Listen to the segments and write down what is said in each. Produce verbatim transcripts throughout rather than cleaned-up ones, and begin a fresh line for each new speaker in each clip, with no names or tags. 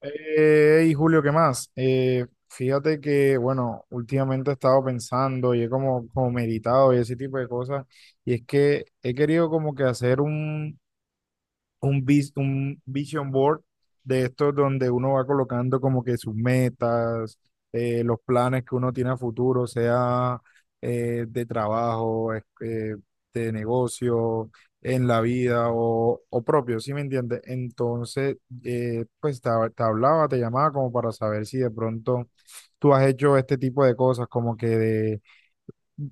Eh, y Julio, ¿qué más? Eh, fíjate que, bueno, últimamente he estado pensando y he como, como meditado y ese tipo de cosas, y es que he querido como que hacer un, un, vis- un vision board de estos donde uno va colocando como que sus metas, eh, los planes que uno tiene a futuro, sea eh, de trabajo, es- eh, de negocio, en la vida o, o propio, ¿sí me entiendes? Entonces, eh, pues te, te hablaba, te llamaba como para saber si de pronto tú has hecho este tipo de cosas, como que de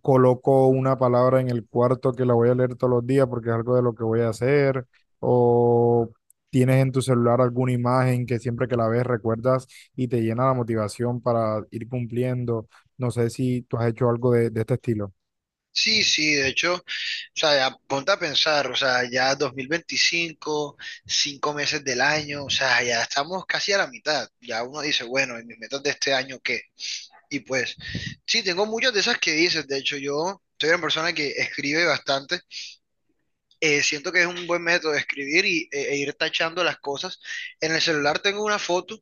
coloco una palabra en el cuarto que la voy a leer todos los días porque es algo de lo que voy a hacer, o tienes en tu celular alguna imagen que siempre que la ves recuerdas y te llena la motivación para ir cumpliendo. No sé si tú has hecho algo de, de este estilo.
Sí, sí, de hecho, o sea, ya ponte a pensar, o sea, ya dos mil veinticinco, cinco meses del año, o sea, ya estamos casi a la mitad. Ya uno dice, bueno, ¿y mis metas de este año qué? Y pues, sí, tengo muchas de esas que dices, de hecho, yo soy una persona que escribe bastante, eh, siento que es un buen método de escribir y, e e ir tachando las cosas. En el celular tengo una foto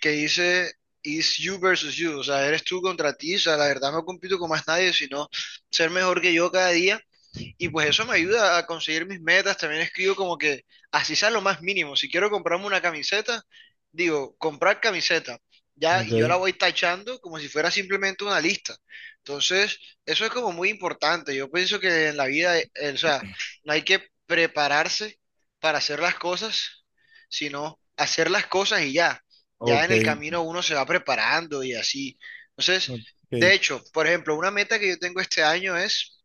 que dice: Is you versus you, o sea, eres tú contra ti, o sea, la verdad no compito con más nadie, sino ser mejor que yo cada día y pues eso me ayuda a conseguir mis metas. También escribo como que así sea lo más mínimo. Si quiero comprarme una camiseta, digo, comprar camiseta. Ya, y yo la
Ok,
voy tachando como si fuera simplemente una lista. Entonces, eso es como muy importante. Yo pienso que en la vida, eh, o sea, no hay que prepararse para hacer las cosas, sino hacer las cosas y ya. Ya
ok,
en el camino uno se va preparando y así. Entonces, de
ok,
hecho, por ejemplo, una meta que yo tengo este año es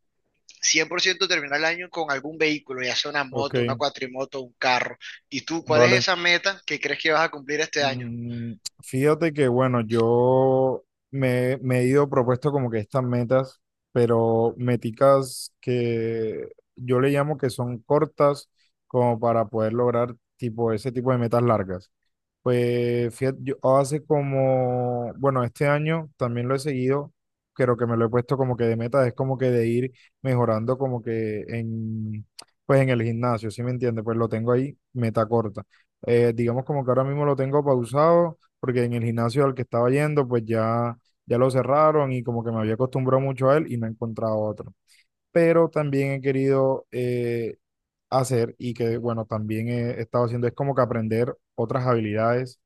cien por ciento terminar el año con algún vehículo, ya sea una
ok,
moto, una cuatrimoto, un carro. ¿Y tú cuál es
vale.
esa meta que crees que vas a cumplir este año?
Mm, Fíjate que, bueno, yo me, me he ido propuesto como que estas metas, pero meticas que yo le llamo que son cortas como para poder lograr tipo ese tipo de metas largas. Pues fíjate, yo hace como, bueno, este año también lo he seguido, creo que me lo he puesto como que de meta, es como que de ir mejorando como que en, pues en el gimnasio, ¿sí me entiendes? Pues lo tengo ahí, meta corta. Eh, digamos como que ahora mismo lo tengo pausado, porque en el gimnasio al que estaba yendo, pues ya, ya lo cerraron y como que me había acostumbrado mucho a él y no he encontrado otro. Pero también he querido eh, hacer y que, bueno, también he he estado haciendo es como que aprender otras habilidades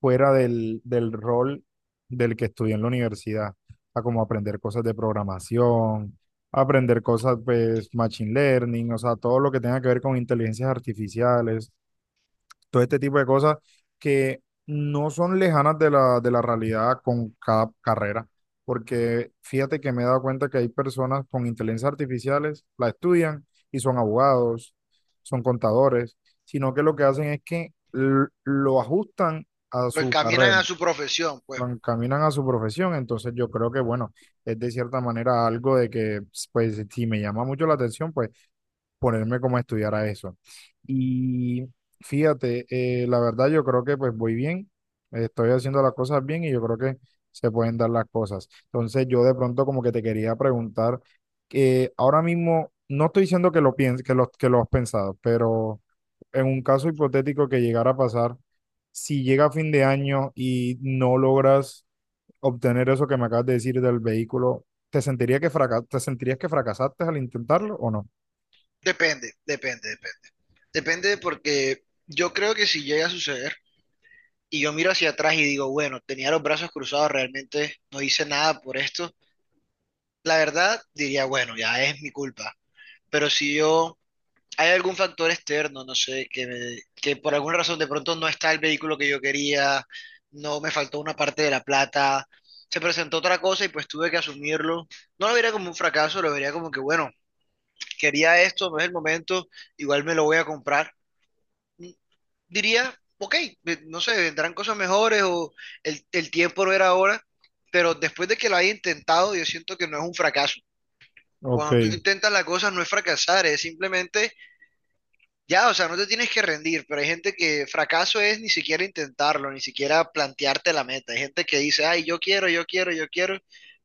fuera del, del rol del que estudié en la universidad, a como aprender cosas de programación, aprender cosas, pues, machine learning, o sea, todo lo que tenga que ver con inteligencias artificiales, todo este tipo de cosas que no son lejanas de la, de la realidad con cada carrera, porque fíjate que me he dado cuenta que hay personas con inteligencias artificiales, la estudian y son abogados, son contadores, sino que lo que hacen es que l- lo ajustan a
¿Lo
su
encaminan
carrera,
a su profesión? Pues
lo encaminan a su profesión. Entonces yo creo que, bueno, es de cierta manera algo de que, pues, si me llama mucho la atención, pues, ponerme como a estudiar a eso. Y fíjate, eh, la verdad yo creo que, pues, voy bien, estoy haciendo las cosas bien y yo creo que se pueden dar las cosas. Entonces yo de pronto como que te quería preguntar, que ahora mismo, no estoy diciendo que lo pienses, que lo, que lo has pensado, pero en un caso hipotético que llegara a pasar, si llega a fin de año y no logras obtener eso que me acabas de decir del vehículo, ¿te sentiría que fraca- te sentirías que fracasaste al intentarlo o no?
depende, depende, depende. Depende porque yo creo que si llega a suceder y yo miro hacia atrás y digo, bueno, tenía los brazos cruzados, realmente no hice nada por esto, la verdad diría, bueno, ya es mi culpa. Pero si yo hay algún factor externo, no sé, que, me- que por alguna razón de pronto no está el vehículo que yo quería, no me faltó una parte de la plata, se presentó otra cosa y pues tuve que asumirlo. No lo vería como un fracaso, lo vería como que, bueno, quería esto, no es el momento, igual me lo voy a comprar. Mm, Diría, ok, ve- no sé, vendrán cosas mejores o el, el tiempo no era ahora, pero después de que lo haya intentado, yo siento que no es un fracaso.
Ok.
Cuando tú intentas la cosa no es fracasar, es simplemente. Ya, o sea, no te tienes que rendir, pero hay gente que fracaso es ni siquiera intentarlo, ni siquiera plantearte la meta. Hay gente que dice, ay, yo quiero, yo quiero, yo quiero,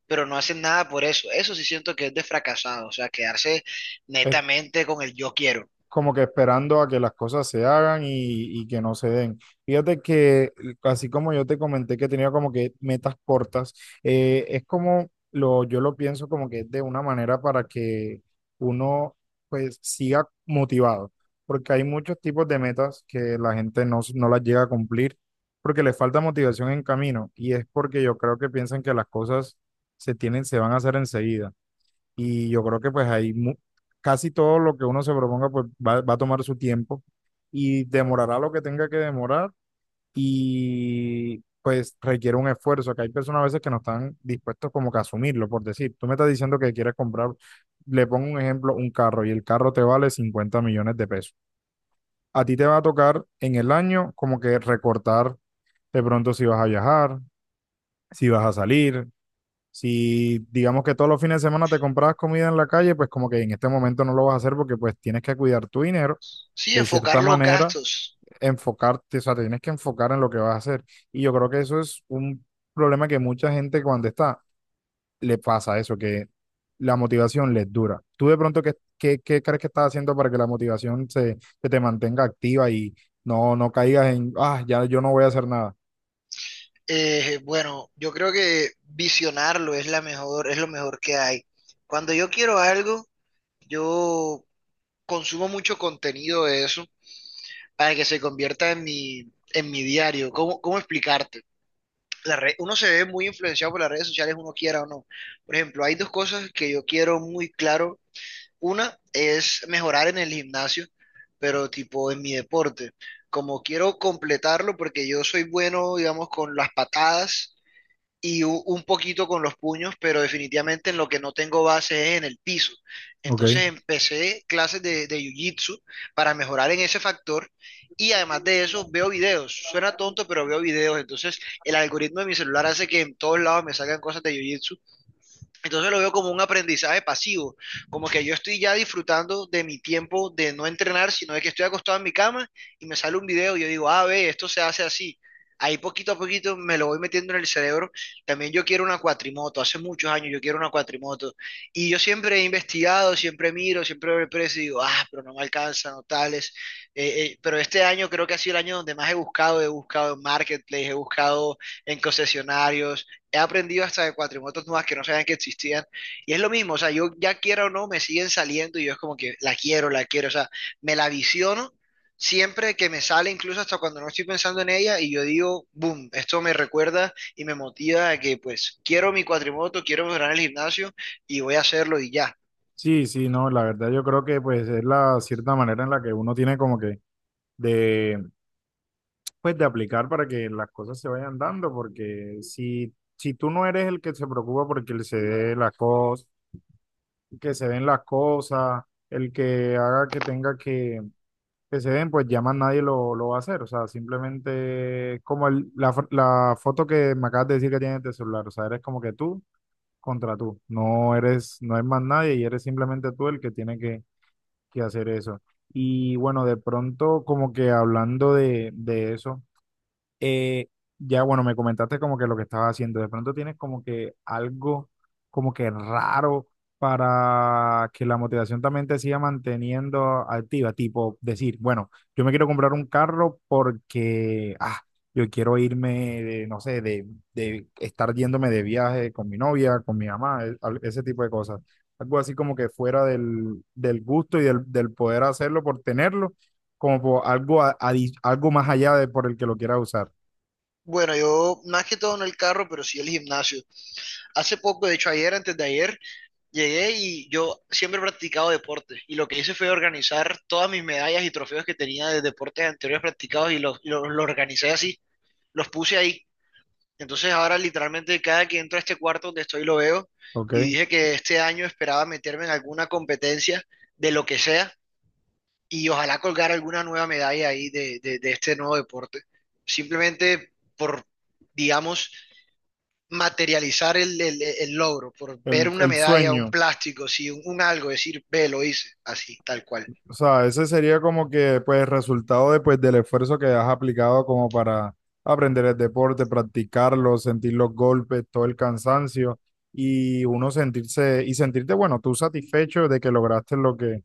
pero no hacen nada por eso. Eso sí siento que es de fracasado, o sea, quedarse netamente con el yo quiero.
Como que esperando a que las cosas se hagan y, y que no se den. Fíjate que, así como yo te comenté que tenía como que metas cortas, eh, es como lo, yo lo pienso como que es de una manera para que uno pues siga motivado, porque hay muchos tipos de metas que la gente no, s- no las llega a cumplir porque le falta motivación en camino, y es porque yo creo que piensan que las cosas se tienen, se van a hacer enseguida. Y yo creo que pues ahí mu- casi todo lo que uno se proponga pues va, va a tomar su tiempo y demorará lo que tenga que demorar y pues requiere un esfuerzo, que hay personas a veces que no están dispuestos como que a asumirlo. Por decir, tú me estás diciendo que quieres comprar, le pongo un ejemplo, un carro, y el carro te vale cincuenta millones de pesos. A ti te va a tocar en el año como que recortar de pronto si vas a viajar, si vas a salir, si digamos que todos los fines de semana te comprabas comida en la calle, pues como que en este momento no lo vas a hacer porque pues tienes que cuidar tu dinero,
Sí,
de cierta
enfocar los
manera,
gastos.
enfocarte, o sea, te tienes que enfocar en lo que vas a hacer. Y yo creo que eso es un problema que mucha gente cuando está, le pasa eso, que la motivación les dura. ¿Tú de pronto qué, qué, qué crees que estás haciendo para que la motivación se, se te mantenga activa y no, no caigas en, ah, ya yo no voy a hacer nada?
Eh, bueno, yo creo que visionarlo es la mejor, es lo mejor que hay. Cuando yo quiero algo, yo consumo mucho contenido de eso para que se convierta en mi, en mi diario. ¿Cómo, cómo explicarte? La red- uno se ve muy influenciado por las redes sociales, uno quiera o no. Por ejemplo, hay dos cosas que yo quiero muy claro. Una es mejorar en el gimnasio, pero tipo en mi deporte. Como quiero completarlo, porque yo soy bueno, digamos, con las patadas, y u- un poquito con los puños, pero definitivamente en lo que no tengo base es en el piso.
Ok.
Entonces empecé clases de, de jiu-jitsu para mejorar en ese factor y además de eso veo videos. Suena tonto, pero veo videos. Entonces el algoritmo de mi celular hace que en todos lados me salgan cosas de jiu-jitsu, entonces lo veo como un aprendizaje pasivo, como que yo estoy ya disfrutando de mi tiempo de no entrenar, sino de que estoy acostado en mi cama y me sale un video y yo digo, ah, ve, esto se hace así. Ahí poquito a poquito me lo voy metiendo en el cerebro. También yo quiero una cuatrimoto, hace muchos años yo quiero una cuatrimoto. Y yo siempre he investigado, siempre miro, siempre veo el precio y digo, ah, pero no me alcanza, no tales. Eh, eh, pero este año creo que ha sido el año donde más he buscado, he buscado en marketplace, he buscado en concesionarios, he aprendido hasta de cuatrimotos nuevas que no sabían que existían. Y es lo mismo, o sea, yo ya quiera o no, me siguen saliendo y yo es como que la quiero, la quiero, o sea, me la visiono siempre que me sale, incluso hasta cuando no estoy pensando en ella, y yo digo, boom, esto me recuerda y me motiva a que pues quiero mi cuatrimoto, quiero mejorar el gimnasio y voy a hacerlo y ya.
Sí, sí, no, la verdad yo creo que pues es la cierta manera en la que uno tiene como que de, pues, de aplicar para que las cosas se vayan dando, porque si, si tú no eres el que se preocupa porque se dé las cosas, que se den las cosas, el que haga que tenga que, que se den, pues ya más nadie lo, lo va a hacer. O sea, simplemente es como el- la, fo- la foto que me acabas de decir que tienes de celular, o sea, eres como que tú contra tú, no eres, no es más nadie y eres simplemente tú el que tiene que que hacer eso. Y bueno, de pronto como que hablando de, de eso. Eh, ya, bueno, me comentaste como que lo que estabas haciendo. De pronto tienes como que algo como que raro para que la motivación también te siga manteniendo activa. Tipo, decir, bueno, yo me quiero comprar un carro porque, ah, yo quiero irme, de, no sé, de, de estar yéndome de viaje con mi novia, con mi mamá, e- al- ese tipo de cosas. Algo así como que fuera del, del gusto y del, del poder hacerlo por tenerlo, como por algo, a- adi- algo más allá de por el que lo quiera usar.
Bueno, yo más que todo en el carro, pero sí el gimnasio. Hace poco, de hecho ayer, antes de ayer, llegué y yo siempre he practicado deporte y lo que hice fue organizar todas mis medallas y trofeos que tenía de deportes anteriores practicados y los, los, los organicé así, los puse ahí. Entonces ahora literalmente cada que entro a este cuarto donde estoy lo veo y
Ok,
dije que este año esperaba meterme en alguna competencia de lo que sea y ojalá colgar alguna nueva medalla ahí de, de, de este nuevo deporte. Simplemente por, digamos, materializar el, el- el logro, por ver
el,
una
el
medalla, un
sueño,
plástico, sí, un, un algo, decir, ve, lo hice, así, tal cual.
o sea, ese sería como que pues resultado de, pues, del esfuerzo que has aplicado como para aprender el deporte, practicarlo, sentir los golpes, todo el cansancio, y uno sentirse y sentirte, bueno, tú satisfecho de que lograste lo que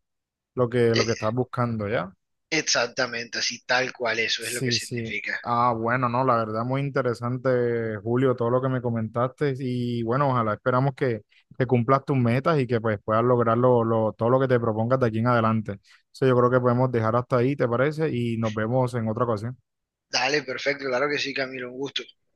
lo que lo
Eh,
que estás buscando, ¿ya?
exactamente, así, tal cual, eso es lo que
Sí, sí.
significa.
Ah, bueno, no, la verdad muy interesante, Julio, todo lo que me comentaste. Y bueno, ojalá esperamos que, que cumplas tus metas y que pues puedas lograr lo- lo- todo lo que te propongas de aquí en adelante. Entonces yo creo que podemos dejar hasta ahí, ¿te parece? Y nos vemos en otra ocasión.
Dale, perfecto, claro que sí, Camilo, un gusto.